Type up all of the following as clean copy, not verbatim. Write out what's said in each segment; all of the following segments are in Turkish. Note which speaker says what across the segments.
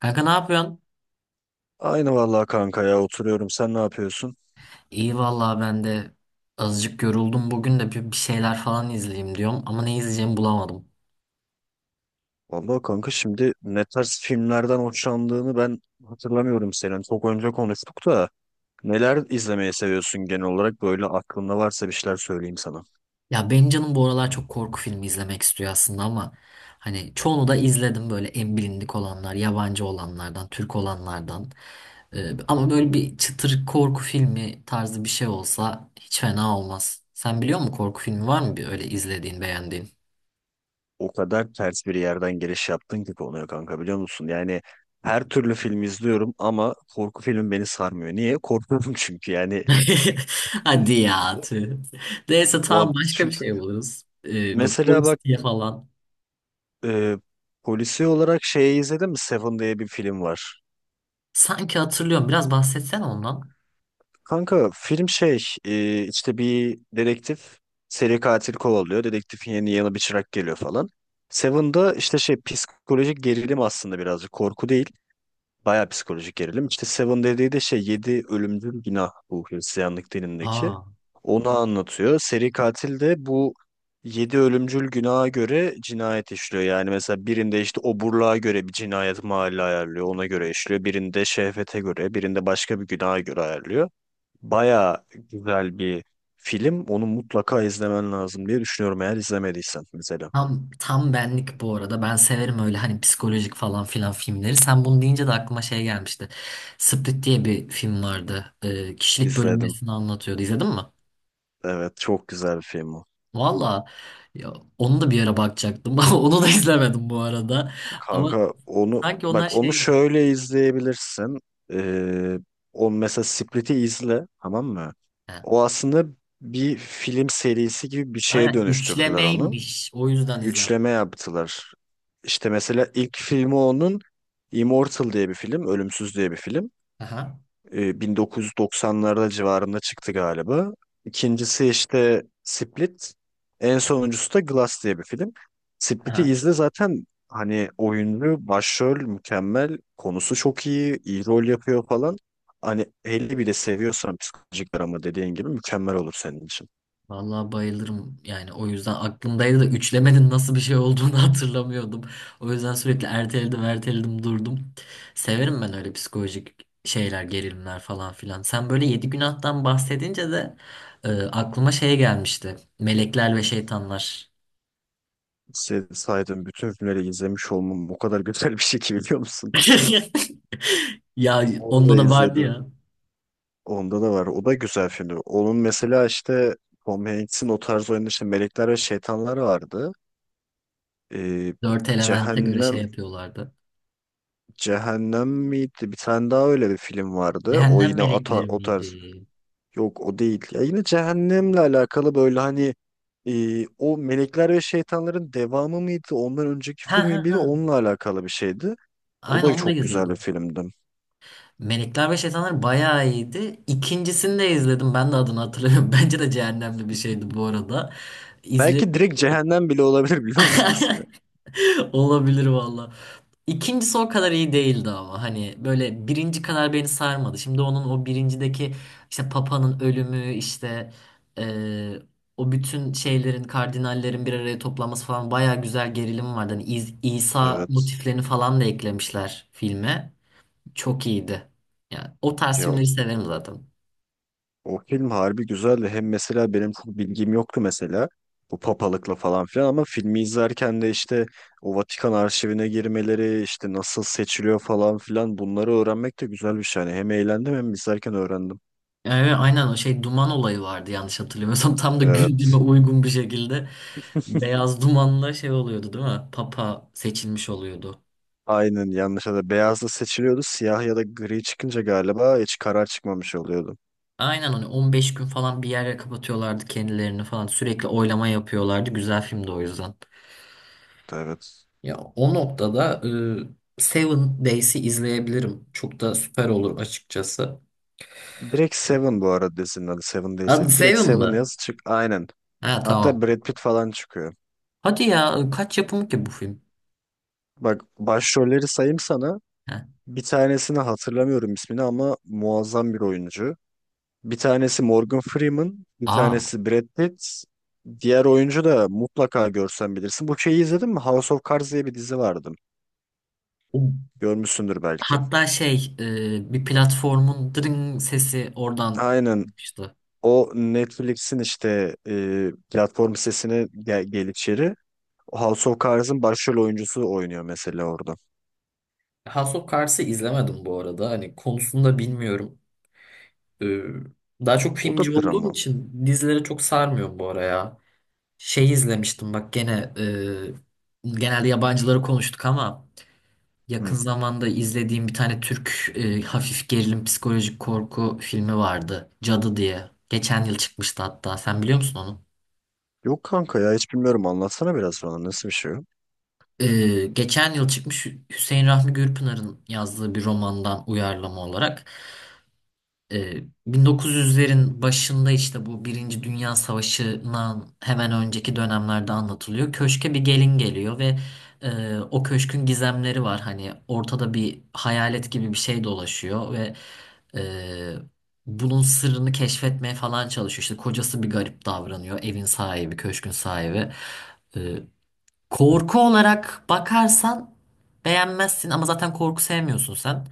Speaker 1: Kanka ne yapıyorsun?
Speaker 2: Aynı vallahi kanka ya oturuyorum. Sen ne yapıyorsun?
Speaker 1: İyi vallahi ben de azıcık yoruldum. Bugün de bir şeyler falan izleyeyim diyorum ama ne izleyeceğimi bulamadım.
Speaker 2: Vallahi kanka şimdi ne tarz filmlerden hoşlandığını ben hatırlamıyorum senin. Çok önce konuştuk da neler izlemeyi seviyorsun genel olarak? Böyle aklında varsa bir şeyler söyleyeyim sana.
Speaker 1: Ya benim canım bu aralar çok korku filmi izlemek istiyor aslında ama hani çoğunu da izledim böyle en bilindik olanlar, yabancı olanlardan, Türk olanlardan. Ama böyle bir çıtır korku filmi tarzı bir şey olsa hiç fena olmaz. Sen biliyor musun korku filmi var mı bir öyle izlediğin, beğendiğin?
Speaker 2: O kadar ters bir yerden giriş yaptın ki konuya kanka biliyor musun? Yani her türlü film izliyorum ama korku filmi beni sarmıyor. Niye? Korkuyorum çünkü yani.
Speaker 1: Hadi ya. Tüh. Neyse tamam
Speaker 2: Va-
Speaker 1: başka bir
Speaker 2: şu-
Speaker 1: şey buluruz. Bu
Speaker 2: Mesela
Speaker 1: polis
Speaker 2: bak
Speaker 1: diye falan.
Speaker 2: e, polisi olarak şeyi izledin mi? Seven diye bir film var.
Speaker 1: Sanki hatırlıyorum. Biraz bahsetsen ondan.
Speaker 2: Kanka film şey işte bir dedektif seri katil kovalıyor. Dedektifin yeni yanı bir çırak geliyor falan. Seven'da işte şey psikolojik gerilim aslında birazcık korku değil. Bayağı psikolojik gerilim. İşte Seven dediği de şey 7 ölümcül günah bu Hristiyanlık dinindeki.
Speaker 1: Aa.
Speaker 2: Onu anlatıyor. Seri katil de bu 7 ölümcül günaha göre cinayet işliyor. Yani mesela birinde işte oburluğa göre bir cinayet mahalli ayarlıyor. Ona göre işliyor. Birinde şehvete göre, birinde başka bir günaha göre ayarlıyor. Baya güzel bir film. Onu mutlaka izlemen lazım diye düşünüyorum eğer izlemediysen mesela.
Speaker 1: Tam, tam benlik bu arada. Ben severim öyle hani psikolojik falan filan filmleri. Sen bunu deyince de aklıma şey gelmişti. Split diye bir film vardı. Kişilik
Speaker 2: İzledim.
Speaker 1: bölünmesini anlatıyordu. İzledin mi?
Speaker 2: Evet çok güzel bir film o.
Speaker 1: Valla ya, onu da bir ara bakacaktım. Onu da izlemedim bu arada. Ama
Speaker 2: Kanka onu
Speaker 1: sanki onlar
Speaker 2: bak onu
Speaker 1: şeymiş.
Speaker 2: şöyle izleyebilirsin. Ee, O mesela Split'i izle tamam mı?
Speaker 1: He.
Speaker 2: O aslında bir film serisi gibi bir şeye
Speaker 1: Aynen
Speaker 2: dönüştürdüler onu.
Speaker 1: üçlemeymiş. O yüzden izlemedim.
Speaker 2: Üçleme yaptılar. İşte mesela ilk filmi onun Immortal diye bir film, Ölümsüz diye bir film.
Speaker 1: Aha.
Speaker 2: 1990'larda civarında çıktı galiba. İkincisi işte Split. En sonuncusu da Glass diye bir film. Split'i
Speaker 1: Aha.
Speaker 2: izle zaten hani oyunlu, başrol mükemmel, konusu çok iyi, iyi rol yapıyor falan. Hani 50 bile seviyorsan psikolojik drama dediğin gibi mükemmel olur senin için.
Speaker 1: Vallahi bayılırım yani o yüzden aklımdaydı da üçlemenin nasıl bir şey olduğunu hatırlamıyordum. O yüzden sürekli erteledim erteledim durdum. Severim ben öyle psikolojik şeyler gerilimler falan filan. Sen böyle yedi günahtan bahsedince de aklıma şey gelmişti. Melekler ve şeytanlar.
Speaker 2: Saydığım bütün filmleri izlemiş olmam bu kadar güzel bir şey ki biliyor musun?
Speaker 1: Ya
Speaker 2: Onu da
Speaker 1: onda da vardı
Speaker 2: izledim.
Speaker 1: ya.
Speaker 2: Onda da var. O da güzel filmdi. Onun mesela işte Tom Hanks'in o tarz oyunda işte Melekler ve Şeytanlar vardı. Ee,
Speaker 1: Dört elemente göre şey
Speaker 2: Cehennem
Speaker 1: yapıyorlardı.
Speaker 2: Cehennem miydi? Bir tane daha öyle bir film vardı. O
Speaker 1: Cehennem
Speaker 2: yine
Speaker 1: melekleri
Speaker 2: o tarz.
Speaker 1: miydi?
Speaker 2: Yok o değil. Ya yine Cehennem'le alakalı böyle hani o Melekler ve Şeytanların devamı mıydı? Ondan önceki
Speaker 1: Ha
Speaker 2: filmi
Speaker 1: ha
Speaker 2: miydi?
Speaker 1: ha.
Speaker 2: Onunla alakalı bir şeydi. O
Speaker 1: Aynen
Speaker 2: da
Speaker 1: onu da
Speaker 2: çok güzel bir
Speaker 1: izledim.
Speaker 2: filmdi.
Speaker 1: Melekler ve Şeytanlar bayağı iyiydi. İkincisini de izledim. Ben de adını hatırlamıyorum. Bence de cehennemli bir şeydi bu arada. İzle
Speaker 2: Belki direkt Cehennem bile olabilir biliyor musun ismi?
Speaker 1: olabilir valla. İkincisi o kadar iyi değildi ama hani böyle birinci kadar beni sarmadı. Şimdi onun o birincideki işte Papa'nın ölümü işte eee, o bütün şeylerin kardinallerin bir araya toplanması falan bayağı güzel gerilim vardı. Hani İsa
Speaker 2: Evet.
Speaker 1: motiflerini falan da eklemişler filme. Çok iyiydi. Yani o tarz
Speaker 2: Ya
Speaker 1: filmleri severim zaten.
Speaker 2: o film harbi güzeldi. Hem mesela benim çok bilgim yoktu mesela bu papalıkla falan filan ama filmi izlerken de işte o Vatikan arşivine girmeleri işte nasıl seçiliyor falan filan bunları öğrenmek de güzel bir şey. Yani hem eğlendim hem izlerken öğrendim.
Speaker 1: Evet, aynen o şey duman olayı vardı yanlış hatırlamıyorsam. Tam da gündeme
Speaker 2: Evet.
Speaker 1: uygun bir şekilde beyaz dumanla şey oluyordu değil mi? Papa seçilmiş oluyordu.
Speaker 2: Aynen yanlış da beyazla seçiliyordu. Siyah ya da gri çıkınca galiba hiç karar çıkmamış oluyordu.
Speaker 1: Aynen hani 15 gün falan bir yere kapatıyorlardı kendilerini falan. Sürekli oylama yapıyorlardı. Güzel filmdi o yüzden.
Speaker 2: Evet.
Speaker 1: Ya o noktada Seven Days'i izleyebilirim. Çok da süper olur açıkçası.
Speaker 2: Direkt Seven bu arada dizinin adı. Seven
Speaker 1: Adı
Speaker 2: değilse. Direkt
Speaker 1: Seven
Speaker 2: Seven
Speaker 1: mı?
Speaker 2: yaz çık. Aynen.
Speaker 1: Ha tamam.
Speaker 2: Hatta Brad Pitt falan çıkıyor.
Speaker 1: Hadi ya kaç yapımı ki bu film?
Speaker 2: Bak başrolleri sayayım sana.
Speaker 1: Ha.
Speaker 2: Bir tanesini hatırlamıyorum ismini ama muazzam bir oyuncu. Bir tanesi Morgan Freeman, bir
Speaker 1: Aa.
Speaker 2: tanesi Brad Pitt. Diğer oyuncu da mutlaka görsen bilirsin. Bu şeyi izledin mi? House of Cards diye bir dizi vardı. Görmüşsündür belki.
Speaker 1: Hatta şey bir platformun dırın sesi oradan
Speaker 2: Aynen.
Speaker 1: çıkmıştı.
Speaker 2: O Netflix'in işte platform sitesine gel, gel içeri. House of Cards'ın başrol oyuncusu oynuyor mesela orada.
Speaker 1: House of Cards'ı izlemedim bu arada. Hani konusunda bilmiyorum. E, daha çok
Speaker 2: O da
Speaker 1: filmci olduğum
Speaker 2: drama.
Speaker 1: için dizilere çok sarmıyorum bu ara ya. Şey izlemiştim bak gene genelde yabancıları konuştuk ama yakın
Speaker 2: Hı.
Speaker 1: zamanda izlediğim bir tane Türk hafif gerilim psikolojik korku filmi vardı. Cadı diye. Geçen yıl çıkmıştı hatta. Sen biliyor musun onu?
Speaker 2: Yok kanka ya hiç bilmiyorum. Anlatsana biraz bana. Nasıl bir şey o?
Speaker 1: Geçen yıl çıkmış Hüseyin Rahmi Gürpınar'ın yazdığı bir romandan uyarlama olarak e, 1900'lerin başında işte bu Birinci Dünya Savaşı'ndan hemen önceki dönemlerde anlatılıyor. Köşke bir gelin geliyor ve o köşkün gizemleri var. Hani ortada bir hayalet gibi bir şey dolaşıyor ve e, bunun sırrını keşfetmeye falan çalışıyor. İşte kocası bir garip davranıyor, evin sahibi, köşkün sahibi. E, Korku olarak bakarsan beğenmezsin ama zaten korku sevmiyorsun sen.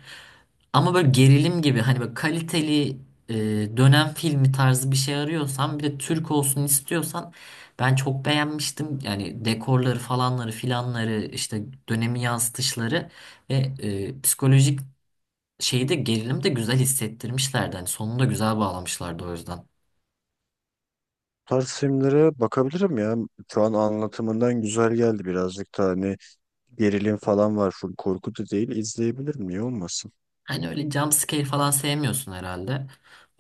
Speaker 1: Ama böyle gerilim gibi hani böyle kaliteli e, dönem filmi tarzı bir şey arıyorsan bir de Türk olsun istiyorsan ben çok beğenmiştim. Yani dekorları falanları filanları işte dönemi yansıtışları ve psikolojik şeyi de gerilim de güzel hissettirmişlerdi. Hani sonunu da güzel bağlamışlardı o yüzden.
Speaker 2: Tarz filmlere bakabilirim ya. Şu an anlatımından güzel geldi birazcık da hani gerilim falan var. Full korku da değil. İzleyebilirim. Niye olmasın?
Speaker 1: Hani öyle jump scare falan sevmiyorsun herhalde.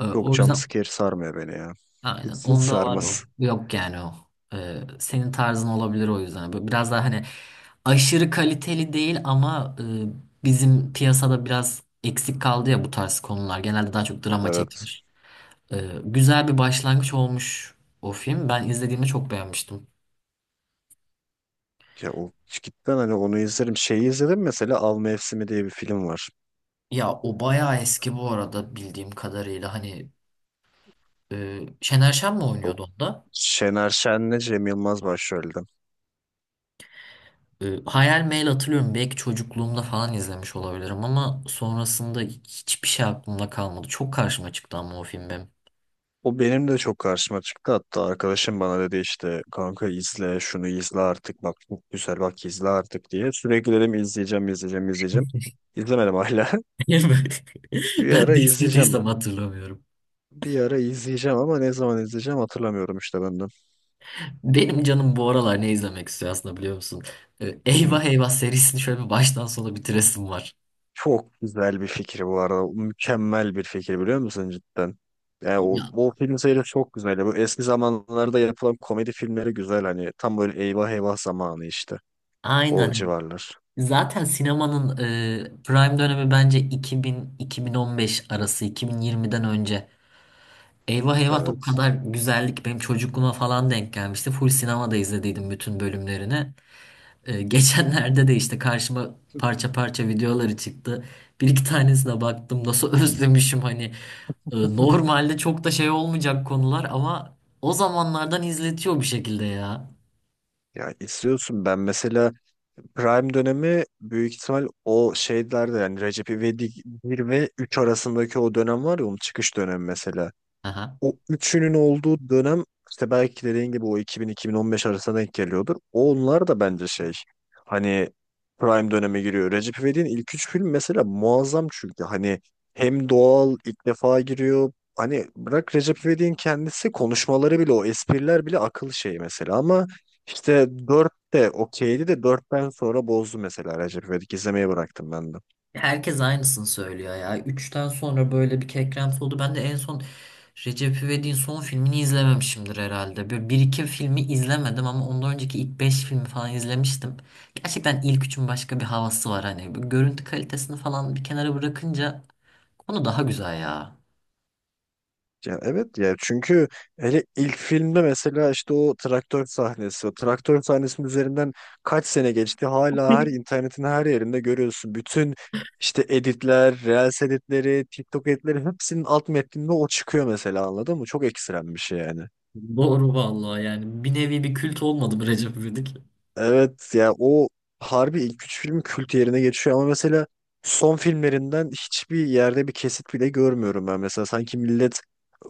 Speaker 2: Yok
Speaker 1: O yüzden.
Speaker 2: jumpscare sarmıyor beni ya.
Speaker 1: Aynen.
Speaker 2: Hiç, hiç
Speaker 1: Onda var o.
Speaker 2: sarmaz.
Speaker 1: Yok yani o. Senin tarzın olabilir o yüzden. Böyle biraz daha hani aşırı kaliteli değil ama bizim piyasada biraz eksik kaldı ya bu tarz konular. Genelde daha çok drama
Speaker 2: Evet.
Speaker 1: çekilir. Güzel bir başlangıç olmuş o film. Ben izlediğimde çok beğenmiştim.
Speaker 2: Ya o cidden hani onu izlerim. Şeyi izledim mesela Av Mevsimi diye bir film var.
Speaker 1: Ya o bayağı eski bu arada bildiğim kadarıyla. Hani Şener Şen mi
Speaker 2: O
Speaker 1: oynuyordu onda?
Speaker 2: Şener Şen'le Cem Yılmaz başrolde.
Speaker 1: Hayal Meyil hatırlıyorum. Belki çocukluğumda falan izlemiş olabilirim ama sonrasında hiçbir şey aklımda kalmadı. Çok karşıma çıktı ama o film benim.
Speaker 2: O benim de çok karşıma çıktı. Hatta arkadaşım bana dedi işte kanka izle şunu izle artık bak çok güzel bak izle artık diye. Sürekli dedim izleyeceğim izleyeceğim izleyeceğim. İzlemedim hala. Bir
Speaker 1: Ben
Speaker 2: ara
Speaker 1: de
Speaker 2: izleyeceğim.
Speaker 1: istediysem hatırlamıyorum.
Speaker 2: Bir ara izleyeceğim ama ne zaman izleyeceğim hatırlamıyorum işte ben de.
Speaker 1: Benim canım bu aralar ne izlemek istiyor aslında biliyor musun?
Speaker 2: Hı.
Speaker 1: Eyvah Eyvah serisini şöyle bir baştan sona bitiresim var.
Speaker 2: Çok güzel bir fikir bu arada. Mükemmel bir fikir biliyor musun cidden? Yani o,
Speaker 1: Ya
Speaker 2: o film serisi çok güzel. Bu eski zamanlarda yapılan komedi filmleri güzel hani tam böyle eyvah eyvah zamanı işte. O
Speaker 1: aynen.
Speaker 2: civarlar.
Speaker 1: Zaten sinemanın prime dönemi bence 2000-2015 arası, 2020'den önce. Eyvah eyvah da o
Speaker 2: Evet.
Speaker 1: kadar güzellik benim çocukluğuma falan denk gelmişti. Full sinemada izlediydim bütün bölümlerini. Geçenlerde de işte karşıma parça parça videoları çıktı. Bir iki tanesine baktım nasıl özlemişim hani. Normalde çok da şey olmayacak konular ama o zamanlardan izletiyor bir şekilde ya.
Speaker 2: Ya izliyorsun ben mesela prime dönemi büyük ihtimal o şeylerde yani Recep İvedik bir ve 3 arasındaki o dönem var ya onun çıkış dönemi mesela o üçünün olduğu dönem işte belki dediğin gibi o 2000-2015 arasına denk geliyordur. Onlar da bence şey hani prime döneme giriyor. Recep İvedik'in ilk üç film mesela muazzam çünkü hani hem doğal ilk defa giriyor. Hani bırak Recep İvedik'in kendisi konuşmaları bile o espriler bile akıl şeyi mesela ama işte 4 de okeydi de dörtten sonra bozdu mesela Recep İvedik izlemeyi bıraktım ben de.
Speaker 1: Herkes aynısını söylüyor ya. Üçten sonra böyle bir kekremsi oldu. Ben de en son Recep İvedik'in son filmini izlememişimdir herhalde. Böyle bir iki filmi izlemedim ama ondan önceki ilk beş filmi falan izlemiştim. Gerçekten ilk üçün başka bir havası var hani. Bu görüntü kalitesini falan bir kenara bırakınca konu daha güzel ya.
Speaker 2: Ya evet ya çünkü hele ilk filmde mesela işte o traktör sahnesi, o traktör sahnesinin üzerinden kaç sene geçti hala her internetin her yerinde görüyorsun. Bütün işte editler, Reels editleri, TikTok editleri hepsinin alt metninde o çıkıyor mesela anladın mı? Çok ekstrem bir şey yani.
Speaker 1: Doğru vallahi yani. Bir nevi bir kült olmadı mı Recep İvedik?
Speaker 2: Evet ya o harbi ilk üç filmi kült yerine geçiyor ama mesela son filmlerinden hiçbir yerde bir kesit bile görmüyorum ben. Mesela sanki millet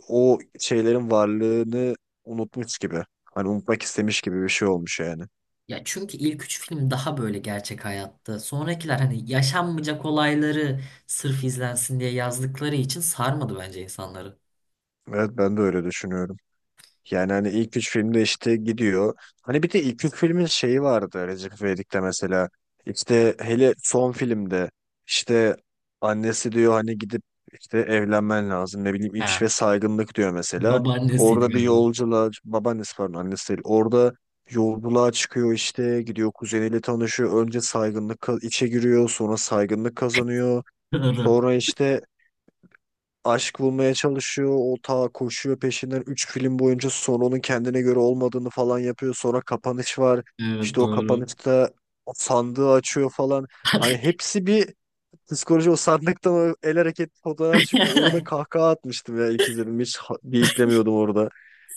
Speaker 2: o şeylerin varlığını unutmuş gibi. Hani unutmak istemiş gibi bir şey olmuş yani.
Speaker 1: Ya çünkü ilk üç film daha böyle gerçek hayatta. Sonrakiler hani yaşanmayacak olayları sırf izlensin diye yazdıkları için sarmadı bence insanları.
Speaker 2: Evet ben de öyle düşünüyorum. Yani hani ilk üç filmde işte gidiyor. Hani bir de ilk üç filmin şeyi vardı Recep İvedik'te mesela. İşte hele son filmde işte annesi diyor hani gidip işte evlenmen lazım. Ne bileyim
Speaker 1: He.
Speaker 2: ilç ve saygınlık diyor mesela.
Speaker 1: Babaannesiydi
Speaker 2: Orada bir
Speaker 1: galiba.
Speaker 2: yolculuğa babaannesi pardon annesi değil. Orada yolculuğa çıkıyor işte gidiyor kuzeniyle tanışıyor. Önce saygınlık içe giriyor sonra saygınlık kazanıyor.
Speaker 1: Doğru.
Speaker 2: Sonra işte aşk bulmaya çalışıyor. O ta koşuyor peşinden 3 film boyunca sonra onun kendine göre olmadığını falan yapıyor. Sonra kapanış var.
Speaker 1: Evet
Speaker 2: İşte o
Speaker 1: doğru.
Speaker 2: kapanışta sandığı açıyor falan. Hani hepsi bir psikoloji o sandıktan o el hareketi fotoğraf çünkü orada kahkaha atmıştım ya ilk izledim. Hiç bıyıklamıyordum orada.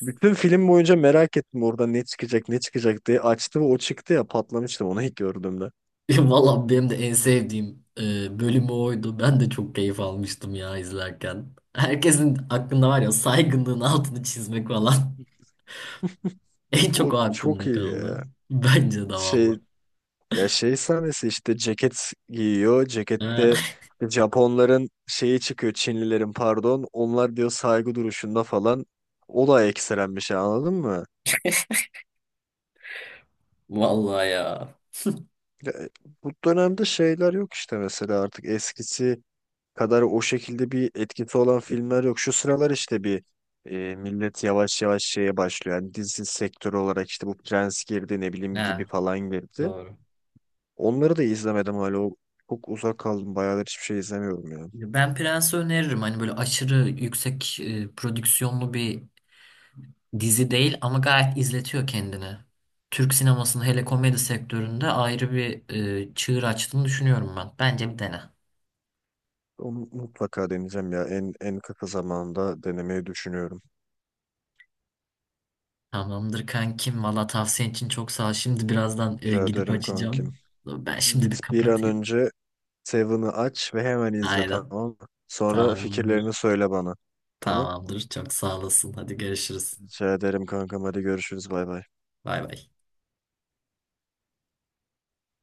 Speaker 2: Bütün film boyunca merak ettim orada ne çıkacak ne çıkacak diye. Açtı ve o çıktı ya patlamıştım onu ilk gördüğümde.
Speaker 1: Valla benim de en sevdiğim bölümü oydu. Ben de çok keyif almıştım ya izlerken. Herkesin aklında var ya saygınlığın altını çizmek falan. En çok
Speaker 2: O
Speaker 1: o
Speaker 2: çok
Speaker 1: aklımda
Speaker 2: iyi
Speaker 1: kaldı.
Speaker 2: ya.
Speaker 1: Bence de valla.
Speaker 2: Şey ya şey sahnesi işte ceket giyiyor. Cekette
Speaker 1: Ha,
Speaker 2: işte Japonların şeyi çıkıyor. Çinlilerin pardon. Onlar diyor saygı duruşunda falan. O da ekstrem bir şey anladın mı?
Speaker 1: Vallahi ya.
Speaker 2: Ya, e, Bu dönemde şeyler yok işte mesela artık eskisi kadar o şekilde bir etkisi olan filmler yok. Şu sıralar işte bir millet yavaş yavaş şeye başlıyor. Yani dizi sektörü olarak işte bu Prens girdi ne bileyim
Speaker 1: Ha,
Speaker 2: gibi falan girdi.
Speaker 1: doğru.
Speaker 2: Onları da izlemedim hala. Çok uzak kaldım. Bayağıdır hiçbir şey izlemiyorum ya.
Speaker 1: Ben Prens'i öneririm. Hani böyle aşırı yüksek prodüksiyonlu bir dizi değil ama gayet izletiyor kendini. Türk sinemasının hele komedi sektöründe ayrı bir çığır açtığını düşünüyorum ben. Bence bir dene.
Speaker 2: Onu mutlaka deneyeceğim ya. En kısa zamanda denemeyi düşünüyorum.
Speaker 1: Tamamdır kankim. Valla tavsiyen için çok sağ ol. Şimdi birazdan
Speaker 2: Rica
Speaker 1: gidip
Speaker 2: ederim kankim.
Speaker 1: açacağım. Ben şimdi bir
Speaker 2: Git bir an
Speaker 1: kapatayım.
Speaker 2: önce Seven'ı aç ve hemen izle
Speaker 1: Aynen.
Speaker 2: tamam mı? Sonra fikirlerini
Speaker 1: Tamamdır.
Speaker 2: söyle bana. Tamam.
Speaker 1: Tamamdır. Çok sağ olasın. Hadi görüşürüz.
Speaker 2: Rica ederim kankam. Hadi görüşürüz. Bay bay.
Speaker 1: Bay bay.